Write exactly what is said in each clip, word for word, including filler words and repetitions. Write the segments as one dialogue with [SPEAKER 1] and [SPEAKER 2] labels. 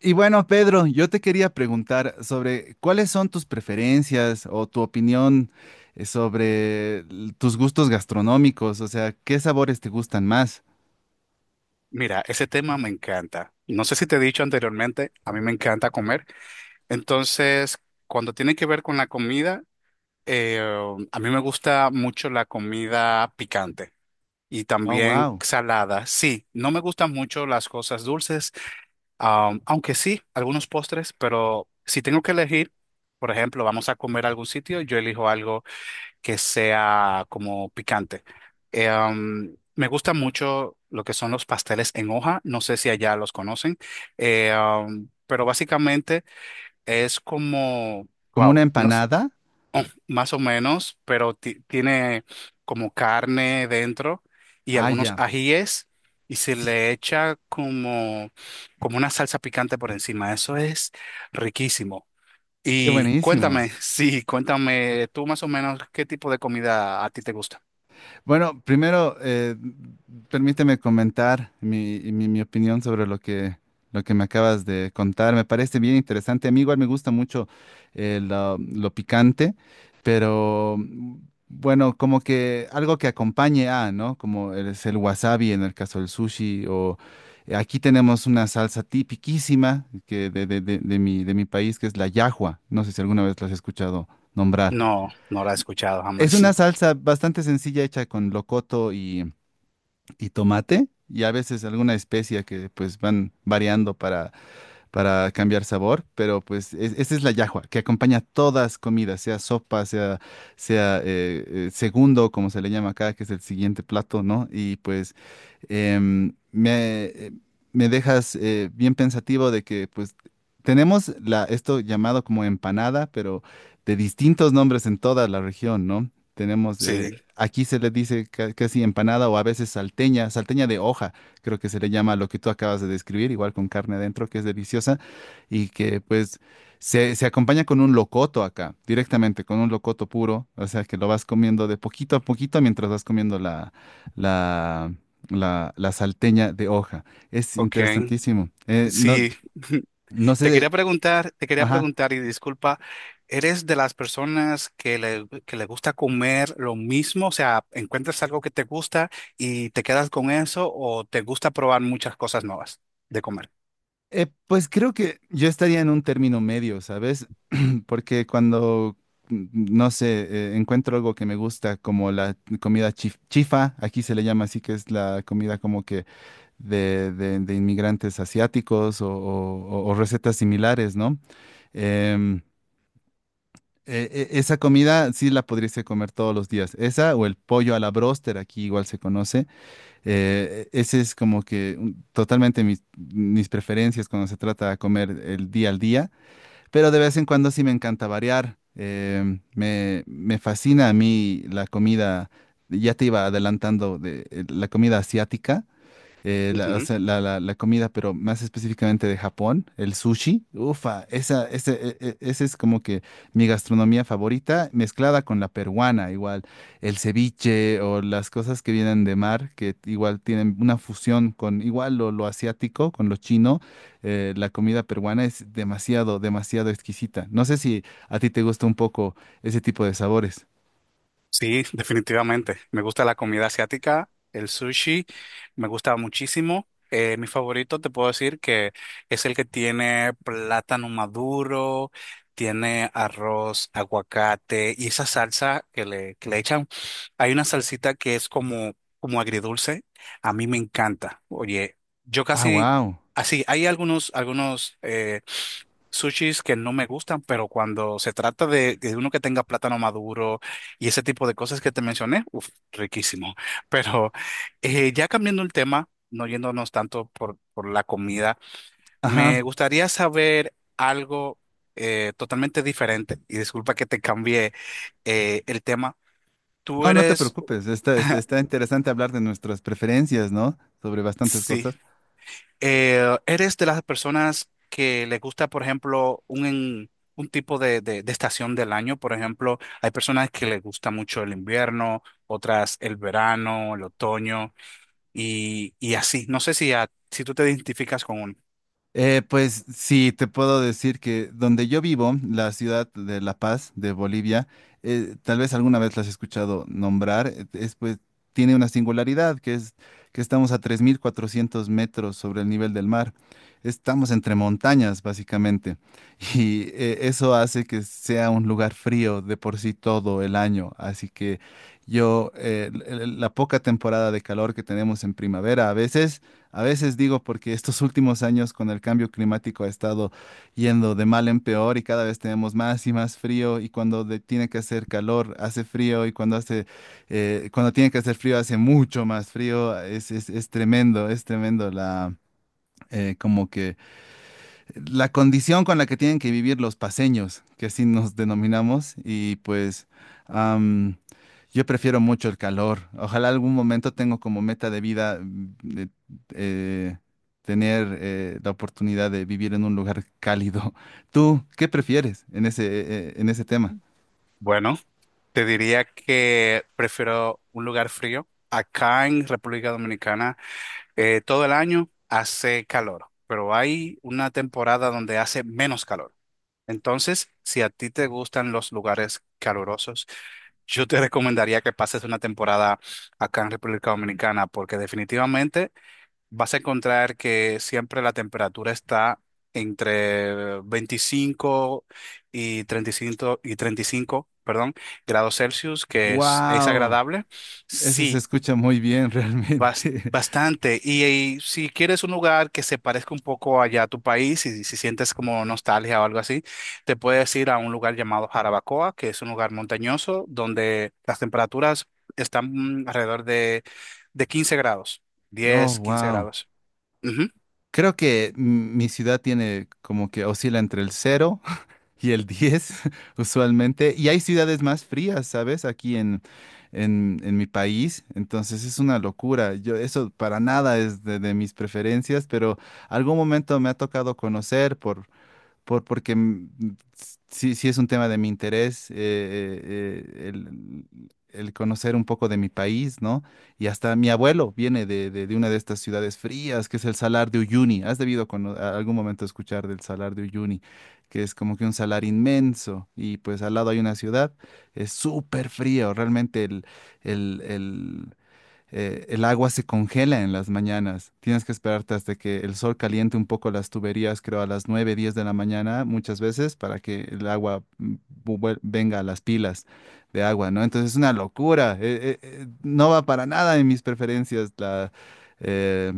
[SPEAKER 1] Y bueno, Pedro, yo te quería preguntar sobre cuáles son tus preferencias o tu opinión eh, sobre l- tus gustos gastronómicos, o sea, ¿qué sabores te gustan más?
[SPEAKER 2] Mira, ese tema me encanta. No sé si te he dicho anteriormente, a mí me encanta comer. Entonces, cuando tiene que ver con la comida, eh, a mí me gusta mucho la comida picante y
[SPEAKER 1] Oh,
[SPEAKER 2] también
[SPEAKER 1] wow.
[SPEAKER 2] salada. Sí, no me gustan mucho las cosas dulces, am, aunque sí, algunos postres, pero si tengo que elegir, por ejemplo, vamos a comer a algún sitio, yo elijo algo que sea como picante. Eh, um, me gusta mucho lo que son los pasteles en hoja, no sé si allá los conocen. Eh, um, pero básicamente es como,
[SPEAKER 1] ¿Como
[SPEAKER 2] wow,
[SPEAKER 1] una
[SPEAKER 2] no s-
[SPEAKER 1] empanada?
[SPEAKER 2] más o menos, pero ti- tiene como carne dentro y
[SPEAKER 1] Ah,
[SPEAKER 2] algunos
[SPEAKER 1] ya.
[SPEAKER 2] ajíes y se
[SPEAKER 1] Sí,
[SPEAKER 2] le echa como, como una salsa picante por encima. Eso es riquísimo.
[SPEAKER 1] qué
[SPEAKER 2] Y
[SPEAKER 1] buenísimo.
[SPEAKER 2] cuéntame, sí, cuéntame tú más o menos qué tipo de comida a ti te gusta.
[SPEAKER 1] Bueno, primero, eh, permíteme comentar mi, mi- mi opinión sobre lo que, lo que me acabas de contar. Me parece bien interesante. A mí igual me gusta mucho eh, lo, lo picante, pero mm, bueno, como que algo que acompañe a, ¿no? Como el- es el wasabi en el caso del sushi, o aquí tenemos una salsa tipiquísima que de, de- de- de mi, de mi país, que es la yahua. No sé si alguna vez la has escuchado nombrar.
[SPEAKER 2] No, no la he escuchado
[SPEAKER 1] Es
[SPEAKER 2] jamás.
[SPEAKER 1] una salsa bastante sencilla hecha con locoto y, y tomate y a veces alguna especia que pues van variando para para cambiar sabor, pero pues es- esta es la llajua, que acompaña todas comidas, sea sopa, sea, sea eh, eh, segundo, como se le llama acá, que es el siguiente plato, ¿no? Y pues em, me, me dejas eh, bien pensativo de que pues tenemos la, esto llamado como empanada, pero de distintos nombres en toda la región, ¿no? Tenemos, eh,
[SPEAKER 2] Sí,
[SPEAKER 1] aquí se le dice ca- casi empanada o a veces salteña, salteña de hoja creo que se le llama lo que tú acabas de describir, igual con carne adentro, que es deliciosa y que pues se, se acompaña con un locoto acá, directamente, con un locoto puro, o sea que lo vas comiendo de poquito a poquito mientras vas comiendo la, la, la, la salteña de hoja. Es
[SPEAKER 2] ok,
[SPEAKER 1] interesantísimo. Eh, no,
[SPEAKER 2] sí.
[SPEAKER 1] no
[SPEAKER 2] Te quería
[SPEAKER 1] sé,
[SPEAKER 2] preguntar, te quería
[SPEAKER 1] ajá.
[SPEAKER 2] preguntar y disculpa, ¿eres de las personas que le, que le gusta comer lo mismo? O sea, ¿encuentras algo que te gusta y te quedas con eso o te gusta probar muchas cosas nuevas de comer?
[SPEAKER 1] Eh, pues creo que yo estaría en un término medio, ¿sabes? Porque cuando, mm, no sé, eh, encuentro algo que me gusta, como la comida chif- chifa, aquí se le llama así, que es la comida como que de, de- de inmigrantes asiáticos o, o- o recetas similares, ¿no? Em, e- e- esa comida sí la podrías comer todos los días. Esa o el pollo a la bróster, aquí igual se conoce. Eh, e- ese es como que mm, totalmente mis, mis preferencias cuando se trata de comer el día al día, pero de vez en cuando sí me encanta variar. Em, me, me fascina a mí la comida, ya te iba adelantando de eh, la comida asiática, eh, la, o sea, la, la- la comida, pero más específicamente de Japón, el sushi. Ufa, esa, ese, e- e- ese es como que mi gastronomía favorita, mezclada con la peruana, igual el ceviche o las cosas que vienen de mar, que igual tienen una fusión con igual lo, lo asiático, con lo chino. eh, la comida peruana es demasiado, demasiado exquisita. No sé si a ti te gusta un poco ese tipo de sabores.
[SPEAKER 2] Sí, definitivamente. Me gusta la comida asiática, el sushi, me gusta muchísimo. Eh, mi favorito, te puedo decir que es el que tiene plátano maduro, tiene arroz, aguacate y esa salsa que le, que le echan. Hay una salsita que es como, como agridulce. A mí me encanta. Oye, yo
[SPEAKER 1] Ah,
[SPEAKER 2] casi,
[SPEAKER 1] wow.
[SPEAKER 2] así, hay algunos, algunos, eh, sushis que no me gustan, pero cuando se trata de, de uno que tenga plátano maduro, y ese tipo de cosas que te mencioné, uf, riquísimo. Pero eh, ya cambiando el tema, no yéndonos tanto por, por la comida,
[SPEAKER 1] Ajá.
[SPEAKER 2] me gustaría saber algo eh, totalmente diferente. Y disculpa que te cambié eh, el tema. Tú
[SPEAKER 1] No, no te
[SPEAKER 2] eres,
[SPEAKER 1] preocupes, está, está, está interesante hablar de nuestras preferencias, ¿no? Sobre bastantes
[SPEAKER 2] sí,
[SPEAKER 1] cosas.
[SPEAKER 2] eh, ¿eres de las personas que le gusta, por ejemplo, un, en- un tipo de, de de estación del año? Por ejemplo, hay personas que les gusta mucho el invierno, otras el verano, el otoño, y, y así. No sé si, a- si tú te identificas con uno.
[SPEAKER 1] Eh, pues sí, te puedo decir que donde yo vivo, la ciudad de La Paz, de Bolivia, eh, tal vez alguna vez las has escuchado nombrar, eh, es, pues, tiene una singularidad, que es que estamos a tres mil cuatrocientos metros sobre el nivel del mar. Estamos entre montañas, básicamente, y eh, eso hace que sea un lugar frío de por sí todo el año. Así que yo, eh, l- l- la poca temporada de calor que tenemos en primavera, a veces a veces digo porque estos últimos años con el cambio climático ha estado yendo de mal en peor y cada vez tenemos más y más frío y cuando de- tiene que hacer calor hace frío y cuando hace eh, cuando tiene que hacer frío hace mucho más frío. Es, es- es tremendo, es tremendo la eh, como que la condición con la que tienen que vivir los paseños, que así nos denominamos, y pues am, yo prefiero mucho el calor. Ojalá algún momento tengo como meta de vida mm, de- eh, tener eh, la oportunidad de vivir en un lugar cálido. ¿Tú qué prefieres en ese, eh, eh, en ese tema?
[SPEAKER 2] Bueno, te diría que prefiero un lugar frío. Acá en República Dominicana, eh, todo el año hace calor, pero hay una temporada donde hace menos calor. Entonces, si a ti te gustan los lugares calurosos, yo te recomendaría que pases una temporada acá en República Dominicana, porque definitivamente vas a encontrar que siempre la temperatura está entre veinticinco y treinta y cinco, y treinta y cinco, perdón, grados Celsius, que es, es
[SPEAKER 1] Wow,
[SPEAKER 2] agradable.
[SPEAKER 1] eso se
[SPEAKER 2] Sí,
[SPEAKER 1] escucha muy bien
[SPEAKER 2] bas-
[SPEAKER 1] realmente.
[SPEAKER 2] bastante. Y, y si quieres un lugar que se parezca un poco allá a tu país, y si sientes como nostalgia o algo así, te puedes ir a un lugar llamado Jarabacoa, que es un lugar montañoso donde las temperaturas están mm, alrededor de, de quince grados,
[SPEAKER 1] Oh,
[SPEAKER 2] diez, quince
[SPEAKER 1] wow.
[SPEAKER 2] grados.
[SPEAKER 1] Creo que mm, mi ciudad tiene como que oscila entre el cero y el diez usualmente. Y hay ciudades más frías, ¿sabes? Aquí en, en, en mi país. Entonces es una locura. Yo, eso para nada es de, de mis preferencias, pero algún momento me ha tocado conocer por, por, porque mm, sí, sí es un tema de mi interés, eh, eh, eh, el, el conocer un poco de mi país, ¿no? Y hasta mi abuelo viene de, de, de una de estas ciudades frías, que es el Salar de Uyuni. ¿Has debido cono- a algún momento escuchar del Salar de Uyuni? Que es como que un salar inmenso y pues al lado hay una ciudad, es súper frío, realmente el, el, eh, el agua se congela en las mañanas. Tienes que esperarte hasta que el sol caliente un poco las tuberías, creo a las nueve, diez de la mañana muchas veces para que el agua mm, vu- vuel- venga a las pilas de agua, ¿no? Entonces es una locura. Eh, eh, eh, no va para nada en mis preferencias la, eh,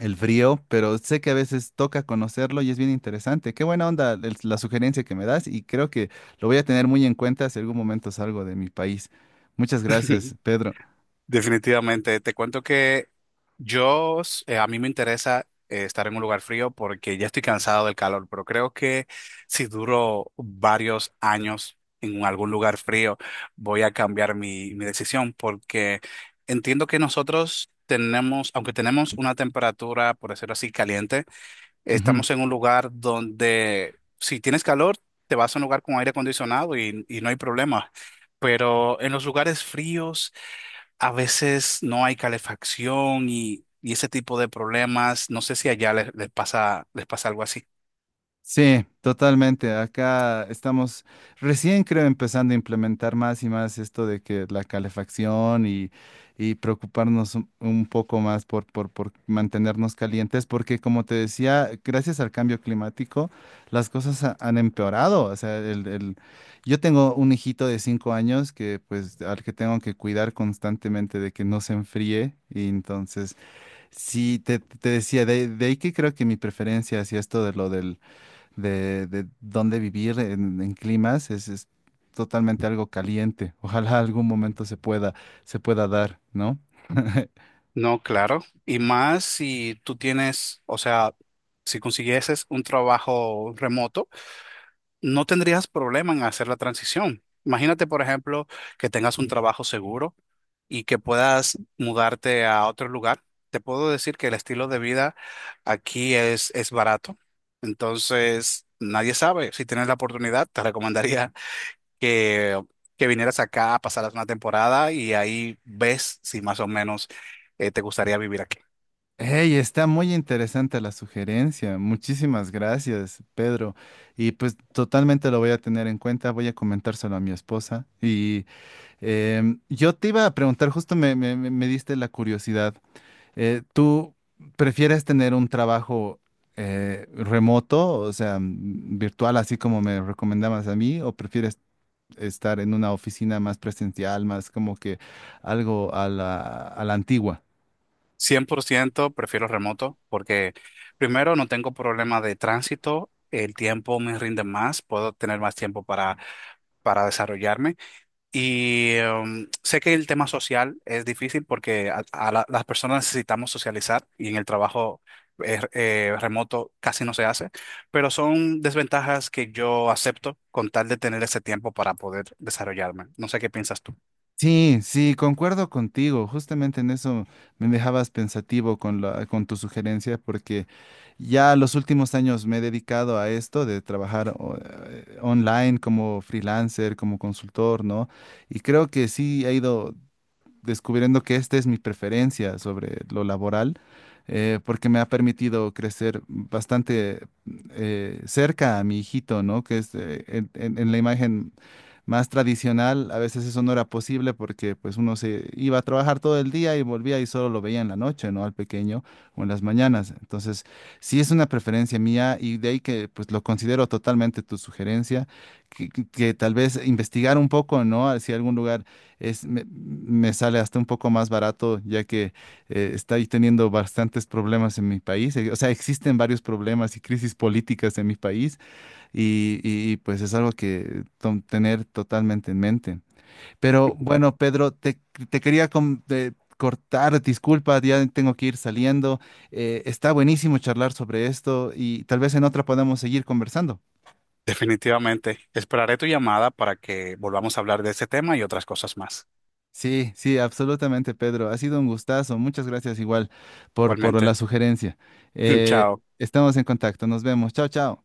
[SPEAKER 1] el frío, pero sé que a veces toca conocerlo y es bien interesante. Qué buena onda el- la sugerencia que me das y creo que lo voy a tener muy en cuenta si algún momento salgo de mi país. Muchas gracias, Pedro.
[SPEAKER 2] Definitivamente, te cuento que yo, s- eh, a mí me interesa eh, estar en un lugar frío porque ya estoy cansado del calor, pero creo que si duro varios años en algún lugar frío, voy a cambiar mi, mi decisión porque entiendo que nosotros tenemos, aunque tenemos una temperatura, por decirlo así, caliente,
[SPEAKER 1] Ujú.
[SPEAKER 2] estamos en un lugar donde si tienes calor, te vas a un lugar con aire acondicionado y, y no hay problema, pero en los lugares fríos a veces no hay calefacción y, y ese tipo de problemas. No sé si allá les, les pasa, les pasa algo así.
[SPEAKER 1] Sí, totalmente. Acá estamos recién, creo, empezando a implementar más y más esto de que la calefacción y, y preocuparnos un, un poco más por, por, por mantenernos calientes, porque como te decía, gracias al cambio climático, las cosas ha- han empeorado. O sea, el, el- yo tengo un hijito de cinco años que, pues, al que tengo que cuidar constantemente de que no se enfríe y entonces... Sí, te, te decía, de, de ahí que creo que mi preferencia hacia esto de lo del, de, de dónde vivir en, en climas es, es totalmente algo caliente. Ojalá algún momento se pueda, se pueda dar, ¿no?
[SPEAKER 2] No, claro. Y más si tú tienes, o sea, si consiguieses un trabajo remoto, no tendrías problema en hacer la transición. Imagínate, por ejemplo, que tengas un trabajo seguro y que puedas mudarte a otro lugar. Te puedo decir que el estilo de vida aquí es, es barato. Entonces, nadie sabe. Si tienes la oportunidad, te recomendaría que, que vinieras acá, pasaras una temporada y ahí ves si más o menos eh, te gustaría vivir aquí.
[SPEAKER 1] Hey, está muy interesante la sugerencia. Muchísimas gracias, Pedro. Y pues totalmente lo voy a tener en cuenta. Voy a comentárselo a mi esposa. Y em, yo te iba a preguntar, justo me, me- me- me diste la curiosidad. Eh, ¿tú prefieres tener un trabajo eh, remoto, o sea, mm, virtual, así como me recomendabas a mí, o prefieres estar en una oficina más presencial, más como que algo a la, a la antigua?
[SPEAKER 2] Cien por ciento prefiero remoto porque primero no tengo problema de tránsito, el tiempo me rinde más, puedo tener más tiempo para, para desarrollarme. Y em, sé que el tema social es difícil porque a, a la- las personas necesitamos socializar y en el trabajo eh, eh, remoto casi no se hace, pero son desventajas que yo acepto con tal de tener ese tiempo para poder desarrollarme. No sé qué piensas tú.
[SPEAKER 1] Sí, sí, concuerdo contigo. Justamente en eso me dejabas pensativo con la, con tu sugerencia, porque ya los últimos años me he dedicado a esto de trabajar o- eh, online como freelancer, como consultor, ¿no? Y creo que sí ha ido descubriendo que esta es mi preferencia sobre lo laboral, eh, porque me ha permitido crecer bastante eh, cerca a mi hijito, ¿no? Que es eh, en, en- en la imagen más tradicional, a veces eso no era posible porque pues uno se iba a trabajar todo el día y volvía y solo lo veía en la noche, ¿no? Al pequeño o en las mañanas. Entonces, sí es una preferencia mía y de ahí que pues lo considero totalmente tu sugerencia que, que- que tal vez investigar un poco, ¿no? Si algún lugar es, me, me sale hasta un poco más barato, ya que eh, estoy teniendo bastantes problemas en mi país. Eh, O sea, existen varios problemas y crisis políticas en mi país y, y, pues es algo que tom- tener totalmente en mente. Pero bueno, Pedro, te, te quería com- eh, cortar, disculpa, ya tengo que ir saliendo. Eh, está buenísimo charlar sobre esto y tal vez en otra podamos seguir conversando.
[SPEAKER 2] Definitivamente. Esperaré tu llamada para que volvamos a hablar de este tema y otras cosas más.
[SPEAKER 1] Sí, sí, absolutamente, Pedro. Ha sido un gustazo. Muchas gracias igual por, por la
[SPEAKER 2] Igualmente.
[SPEAKER 1] sugerencia. Eh,
[SPEAKER 2] Chao.
[SPEAKER 1] estamos en contacto. Nos vemos. Chao, chao.